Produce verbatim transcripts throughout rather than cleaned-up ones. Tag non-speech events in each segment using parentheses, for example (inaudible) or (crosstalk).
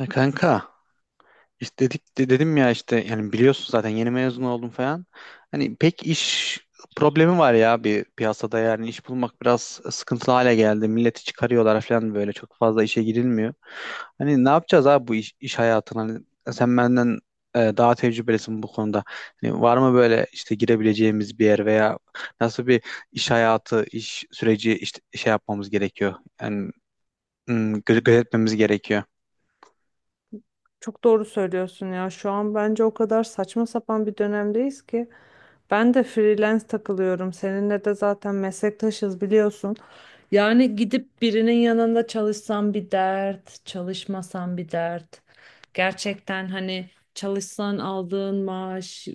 Ya kanka istedik de dedim ya işte yani biliyorsun zaten yeni mezun oldum falan. Hani pek iş problemi var ya bir piyasada, yani iş bulmak biraz sıkıntılı hale geldi. Milleti çıkarıyorlar falan, böyle çok fazla işe girilmiyor. Hani ne yapacağız abi bu iş, iş hayatına? Hani sen benden e, daha tecrübelisin bu konuda. Hani var mı böyle işte girebileceğimiz bir yer veya nasıl bir iş hayatı, iş süreci işte şey yapmamız gerekiyor? Yani hmm, gö- gözetmemiz gerekiyor. Çok doğru söylüyorsun ya. Şu an bence o kadar saçma sapan bir dönemdeyiz ki. Ben de freelance takılıyorum. Seninle de zaten meslektaşız biliyorsun. Yani gidip birinin yanında çalışsam bir dert, çalışmasam bir dert. Gerçekten hani çalışsan aldığın maaş,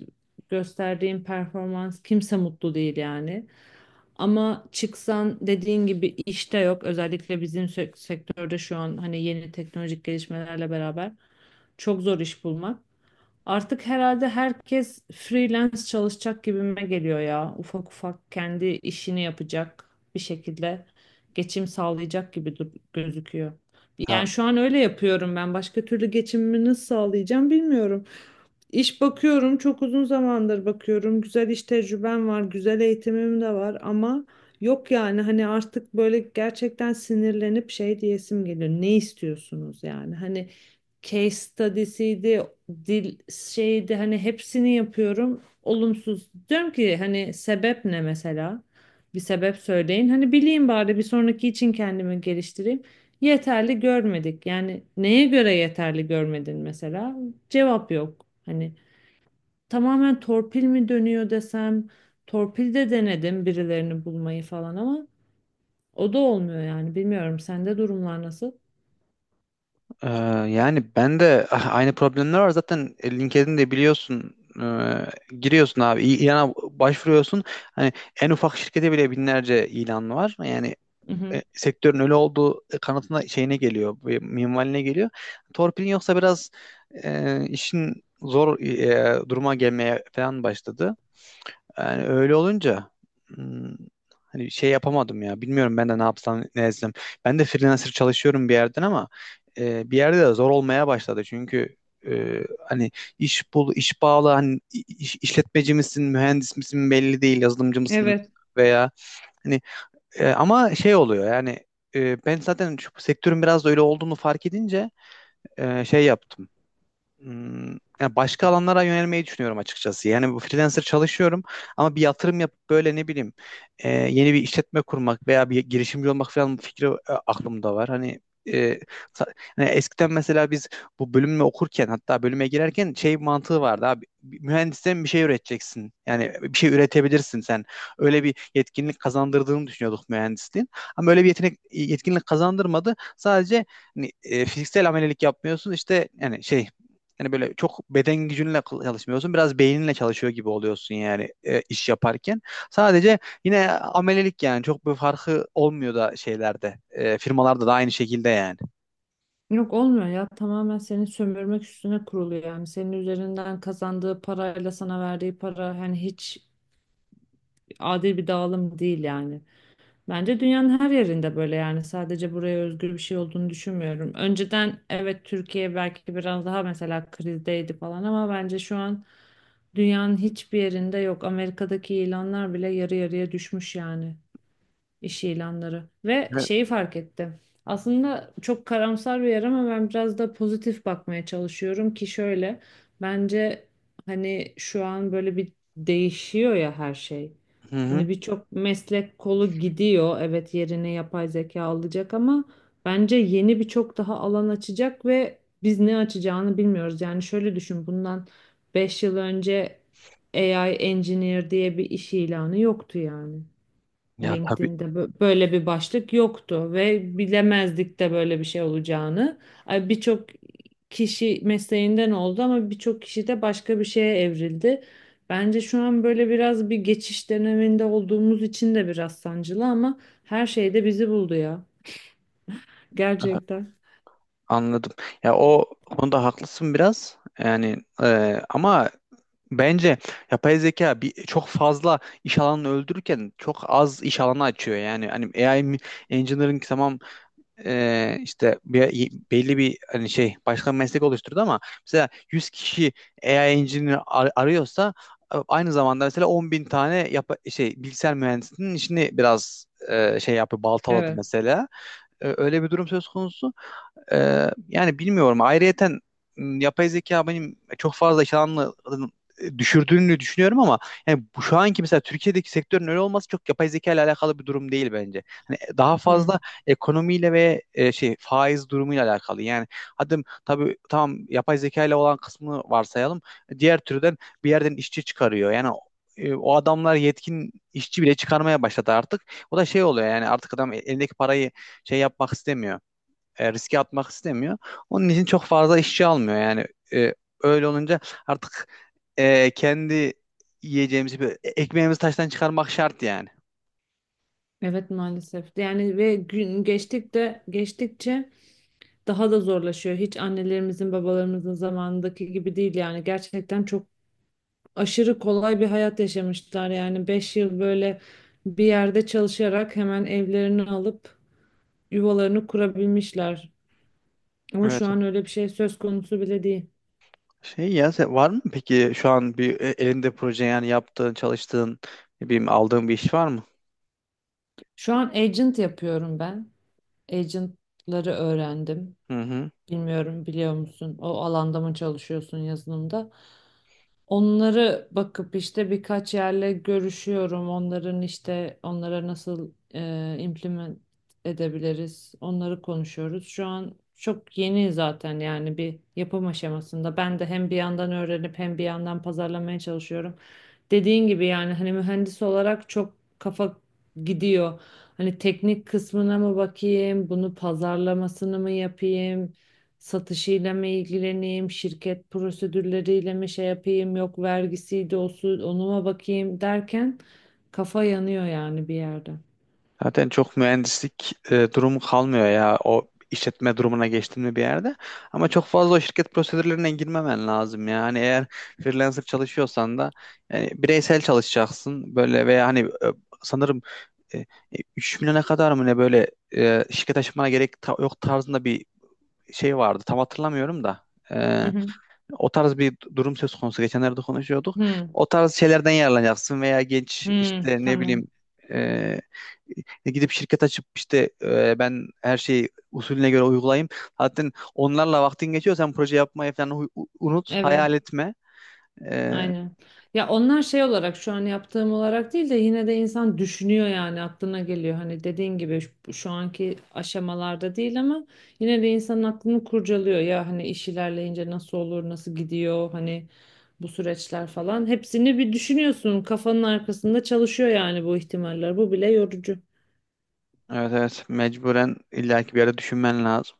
gösterdiğin performans kimse mutlu değil yani. Ama çıksan dediğin gibi işte yok. Özellikle bizim sek- sektörde şu an hani yeni teknolojik gelişmelerle beraber. Çok zor iş bulmak. Artık herhalde herkes freelance çalışacak gibime geliyor ya. Ufak ufak kendi işini yapacak bir şekilde geçim sağlayacak gibi dur- gözüküyor. Yani şu an öyle yapıyorum ben. Başka türlü geçimimi nasıl sağlayacağım bilmiyorum. İş bakıyorum, çok uzun zamandır bakıyorum. Güzel iş tecrübem var, güzel eğitimim de var ama yok yani hani artık böyle gerçekten sinirlenip şey diyesim geliyor. Ne istiyorsunuz yani? Hani case study'siydi, dil şeydi hani hepsini yapıyorum. Olumsuz. Diyorum ki hani sebep ne mesela? Bir sebep söyleyin. Hani bileyim bari bir sonraki için kendimi geliştireyim. Yeterli görmedik. Yani neye göre yeterli görmedin mesela? Cevap yok. Hani tamamen torpil mi dönüyor desem torpil de denedim birilerini bulmayı falan ama o da olmuyor yani bilmiyorum sende durumlar nasıl? Ee, yani ben de (laughs) ah, aynı problemler var zaten. e, LinkedIn'de biliyorsun, e, giriyorsun abi, İ- ilana başvuruyorsun, hani en ufak şirkete bile binlerce ilan var. Yani Hı hı. e, sektörün öyle olduğu kanatına, şeyine geliyor, e, minvaline geliyor. Torpilin yoksa biraz e, işin zor e, duruma gelmeye falan başladı. Yani öyle olunca hmm, hani şey yapamadım ya. Bilmiyorum ben de ne yapsam ne etsem. Ben de freelancer çalışıyorum bir yerden, ama e, bir yerde de zor olmaya başladı. Çünkü e, hani iş bul, iş bağlı, hani iş, işletmeci misin, mühendis misin belli değil, yazılımcı mısın, Evet. veya hani e, ama şey oluyor yani. E, ben zaten şu sektörün biraz da öyle olduğunu fark edince e, şey yaptım. Hmm, yani başka alanlara yönelmeyi düşünüyorum açıkçası. Yani bu, freelancer çalışıyorum ama bir yatırım yapıp, böyle ne bileyim, e, yeni bir işletme kurmak veya bir girişimci olmak falan fikri e, aklımda var. Hani e, sa- hani eskiden mesela biz bu bölümü okurken, hatta bölüme girerken şey mantığı vardı abi: mühendisten bir şey üreteceksin. Yani e, bir şey üretebilirsin sen. Öyle bir yetkinlik kazandırdığını düşünüyorduk mühendisliğin. Ama öyle bir yetenek, yetkinlik kazandırmadı. Sadece hani, e, fiziksel amelelik yapmıyorsun işte, yani şey, yani böyle çok beden gücünle kıl- çalışmıyorsun. Biraz beyninle çalışıyor gibi oluyorsun yani, e, iş yaparken. Sadece yine amelelik, yani çok bir farkı olmuyor da şeylerde. E, firmalarda da aynı şekilde yani. Yok olmuyor ya tamamen seni sömürmek üstüne kurulu yani senin üzerinden kazandığı parayla sana verdiği para hani hiç adil bir dağılım değil yani. Bence dünyanın her yerinde böyle yani sadece buraya özgür bir şey olduğunu düşünmüyorum. Önceden evet Türkiye belki biraz daha mesela krizdeydi falan ama bence şu an dünyanın hiçbir yerinde yok. Amerika'daki ilanlar bile yarı yarıya düşmüş yani iş ilanları. Ve Evet. şeyi fark ettim. Aslında çok karamsar bir yer ama ben biraz da pozitif bakmaya çalışıyorum ki şöyle bence hani şu an böyle bir değişiyor ya her şey. Hı hı. Hani birçok meslek kolu gidiyor. Evet yerine yapay zeka alacak ama bence yeni birçok daha alan açacak ve biz ne açacağını bilmiyoruz. Yani şöyle düşün bundan beş yıl önce A I engineer diye bir iş ilanı yoktu yani. Ya tabii. LinkedIn'de bö- böyle bir başlık yoktu ve bilemezdik de böyle bir şey olacağını. Ay, Birçok kişi mesleğinden oldu ama birçok kişi de başka bir şeye evrildi. Bence şu an böyle biraz bir geçiş döneminde olduğumuz için de biraz sancılı ama her şey de bizi buldu ya. e, Gerçekten. Anladım. Ya o konuda haklısın biraz. Yani e, ama bence yapay zeka bir, çok fazla iş alanını öldürürken çok az iş alanı açıyor. Yani hani A I mi- engineering tamam, e, işte bir, belli bir hani şey başka bir meslek oluşturdu. Ama mesela yüz kişi A I engineer ar- arıyorsa, e, aynı zamanda mesela on bin tane yap şey bilgisayar mühendisinin işini biraz e, şey yapıyor, baltaladı Evet. mesela. E, öyle bir durum söz konusu. Ee, yani bilmiyorum. Ayrıyeten m, yapay zeka benim çok fazla iş alanını e, düşürdüğünü düşünüyorum. Ama yani bu şu anki mesela Türkiye'deki sektörün öyle olması çok yapay zeka ile alakalı bir durum değil bence. Hani daha Hı. fazla ekonomiyle ve e, şey faiz durumuyla alakalı. Yani hadi tabii tamam, yapay zeka ile olan kısmını varsayalım. Diğer türden bir yerden işçi çıkarıyor. Yani e, o adamlar yetkin işçi bile çıkarmaya başladı artık. O da şey oluyor yani, artık adam e-, elindeki parayı şey yapmak istemiyor, e, riske atmak istemiyor. Onun için çok fazla işçi almıyor. Yani e, öyle olunca artık e, kendi yiyeceğimizi bir- e, ekmeğimizi taştan çıkarmak şart yani. Evet maalesef. Yani ve gün geçtik de geçtikçe daha da zorlaşıyor. Hiç annelerimizin, babalarımızın zamanındaki gibi değil yani. Gerçekten çok aşırı kolay bir hayat yaşamışlar yani beş yıl böyle bir yerde çalışarak hemen evlerini alıp yuvalarını kurabilmişler. Ama Evet. şu an öyle bir şey söz konusu bile değil. Şey, ya sen- var mı peki şu an bir e, elinde proje, yani yaptığın, çalıştığın, ne bileyim aldığın bir iş var mı? Şu an agent yapıyorum ben. Agentları öğrendim. Hı hı. Bilmiyorum biliyor musun? O alanda mı çalışıyorsun yazılımda? Onları bakıp işte birkaç yerle görüşüyorum. Onların işte onlara nasıl e, implement edebiliriz. Onları konuşuyoruz. Şu an çok yeni zaten yani bir yapım aşamasında. Ben de hem bir yandan öğrenip hem bir yandan pazarlamaya çalışıyorum. Dediğin gibi yani hani mühendis olarak çok kafa gidiyor. Hani teknik kısmına mı bakayım, bunu pazarlamasını mı yapayım? Satışıyla mı ilgileneyim, şirket prosedürleriyle mi şey yapayım, yok vergisiydi o su, onuma bakayım derken kafa yanıyor yani bir yerde. Zaten çok mühendislik e, durumu kalmıyor ya, o işletme durumuna geçtin mi bir yerde. Ama çok fazla o şirket prosedürlerine girmemen lazım ya. Hani eğer freelancer çalışıyorsan da, yani bireysel çalışacaksın böyle, veya hani e, sanırım e, üç milyona kadar mı ne, böyle e, şirket açmana gerek ta- yok tarzında bir şey vardı. Tam hatırlamıyorum da. E, Hı hı. o tarz bir durum söz konusu. Geçenlerde konuşuyorduk. Hı, O tarz şeylerden yararlanacaksın, veya genç hı, işte, ne tamam. bileyim, e, gidip şirket açıp işte e, ben her şeyi usulüne göre uygulayayım. Zaten onlarla vaktin geçiyor. Sen proje yapmayı falan u- unut, hayal Evet. etme. Aynen. Ya onlar şey olarak şu an yaptığım olarak değil de yine de insan düşünüyor yani aklına geliyor. Hani dediğin gibi şu, şu anki aşamalarda değil ama yine de insanın aklını kurcalıyor. Ya hani iş ilerleyince nasıl olur, nasıl gidiyor hani bu süreçler falan. Hepsini bir düşünüyorsun. Kafanın arkasında çalışıyor yani bu ihtimaller. Bu bile yorucu. Evet, evet, mecburen, illaki bir yere düşünmen lazım.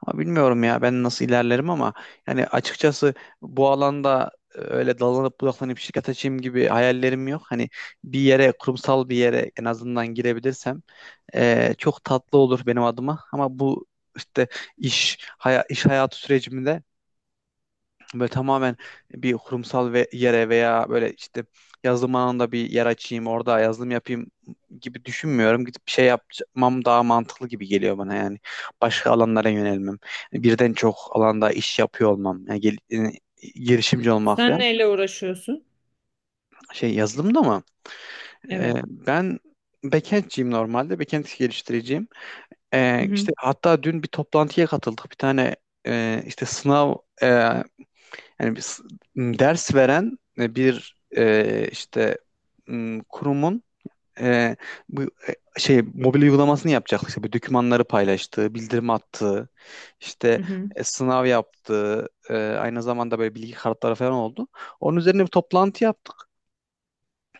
Ama bilmiyorum ya, ben nasıl ilerlerim, ama yani açıkçası bu alanda e, öyle dalanıp budaklanıp şirket açayım gibi hayallerim yok. Hani bir yere, kurumsal bir yere en azından girebilirsem e, çok tatlı olur benim adıma. Ama bu işte, iş haya- iş hayatı sürecimde böyle tamamen bir kurumsal ve yere, veya böyle işte yazılım alanında bir yer açayım, orada yazılım yapayım gibi düşünmüyorum. Gidip bir şey yapmam daha mantıklı gibi geliyor bana yani. Başka alanlara yönelmem. Yani birden çok alanda iş yapıyor olmam. Yani gel- yani girişimci olmak Sen falan. neyle uğraşıyorsun? Şey, yazılımda mı? Ee, Evet. ben backend'ciyim normalde. Backend geliştireceğim. Hı Ee, hı. işte hatta dün bir toplantıya katıldık. Bir tane e, işte sınav, yani bir ders veren e, bir e, işte m, kurumun e, bu e, şey mobil uygulamasını yapacaktık. İşte bu, dokümanları paylaştığı, bildirim attığı, işte Hı hı. e, sınav yaptığı, e, aynı zamanda böyle bilgi kartları falan oldu. Onun üzerine bir toplantı yaptık.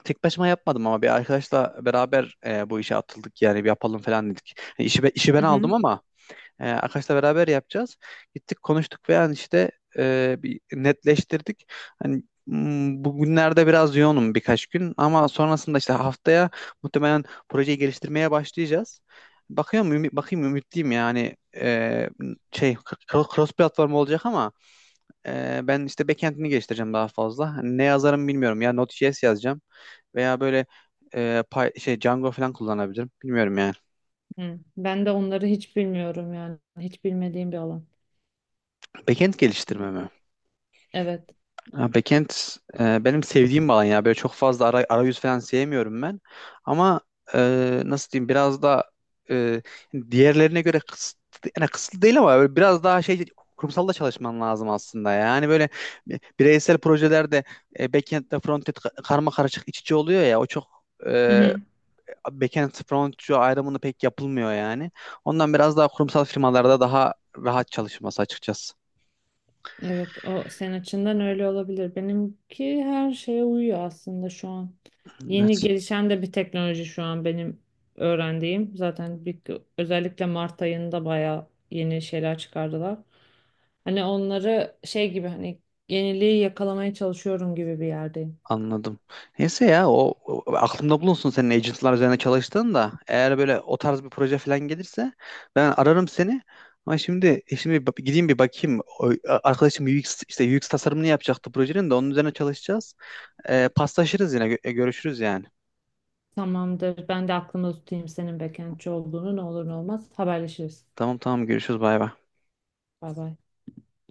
Tek başıma yapmadım, ama bir arkadaşla beraber e, bu işe atıldık, yani bir yapalım falan dedik. Yani işi, be- işi ben Hı hı. aldım, ama e, Akaş'la beraber yapacağız. Gittik konuştuk ve yani işte e, bir netleştirdik. Hani m, bugünlerde biraz yoğunum birkaç gün, ama sonrasında işte haftaya muhtemelen projeyi geliştirmeye başlayacağız. Bakıyorum, ümi- bakayım, ümitliyim yani. E, şey, cro- cross platform olacak, ama e, ben işte backend'ini geliştireceğim daha fazla. Hani ne yazarım bilmiyorum ya, Node.js yazacağım veya böyle e, Py- şey Django falan kullanabilirim. Bilmiyorum yani. Hı. Ben de onları hiç bilmiyorum yani. Hiç bilmediğim bir alan. Backend geliştirme mi? Evet. Ya backend e, benim sevdiğim bir alan ya. Böyle çok fazla ara- arayüz falan sevmiyorum ben. Ama e, nasıl diyeyim, biraz da e, diğerlerine göre kısıtlı, yani kısıtlı değil ama böyle biraz daha şey, kurumsalda çalışman lazım aslında. Yani böyle bireysel projelerde e, backend'le frontend ka- karma karışık iç içe oluyor ya, o çok e, backend frontend ayrımını pek yapılmıyor yani. Ondan biraz daha kurumsal firmalarda daha rahat çalışması açıkçası. Evet, o senin açından öyle olabilir. Benimki her şeye uyuyor aslında şu an. Evet. Yeni gelişen de bir teknoloji şu an benim öğrendiğim. Zaten bir, özellikle Mart ayında bayağı yeni şeyler çıkardılar. Hani onları şey gibi hani yeniliği yakalamaya çalışıyorum gibi bir yerdeyim. Anladım. Neyse ya, o, o- aklımda bulunsun senin agentlar üzerine çalıştığın da, eğer böyle o tarz bir proje falan gelirse ben ararım seni. Ama şimdi e, şimdi bir bak- gideyim bir bakayım. O, arkadaşım U X, işte U X tasarımını yapacaktı projenin, de onun üzerine çalışacağız. Ee, paslaşırız, yine gö- e, görüşürüz yani. Tamamdır. Ben de aklımda tutayım senin backendçi olduğunu ne olur ne olmaz. Haberleşiriz. Tamam, tamam, görüşürüz, bay bay. Bay bay.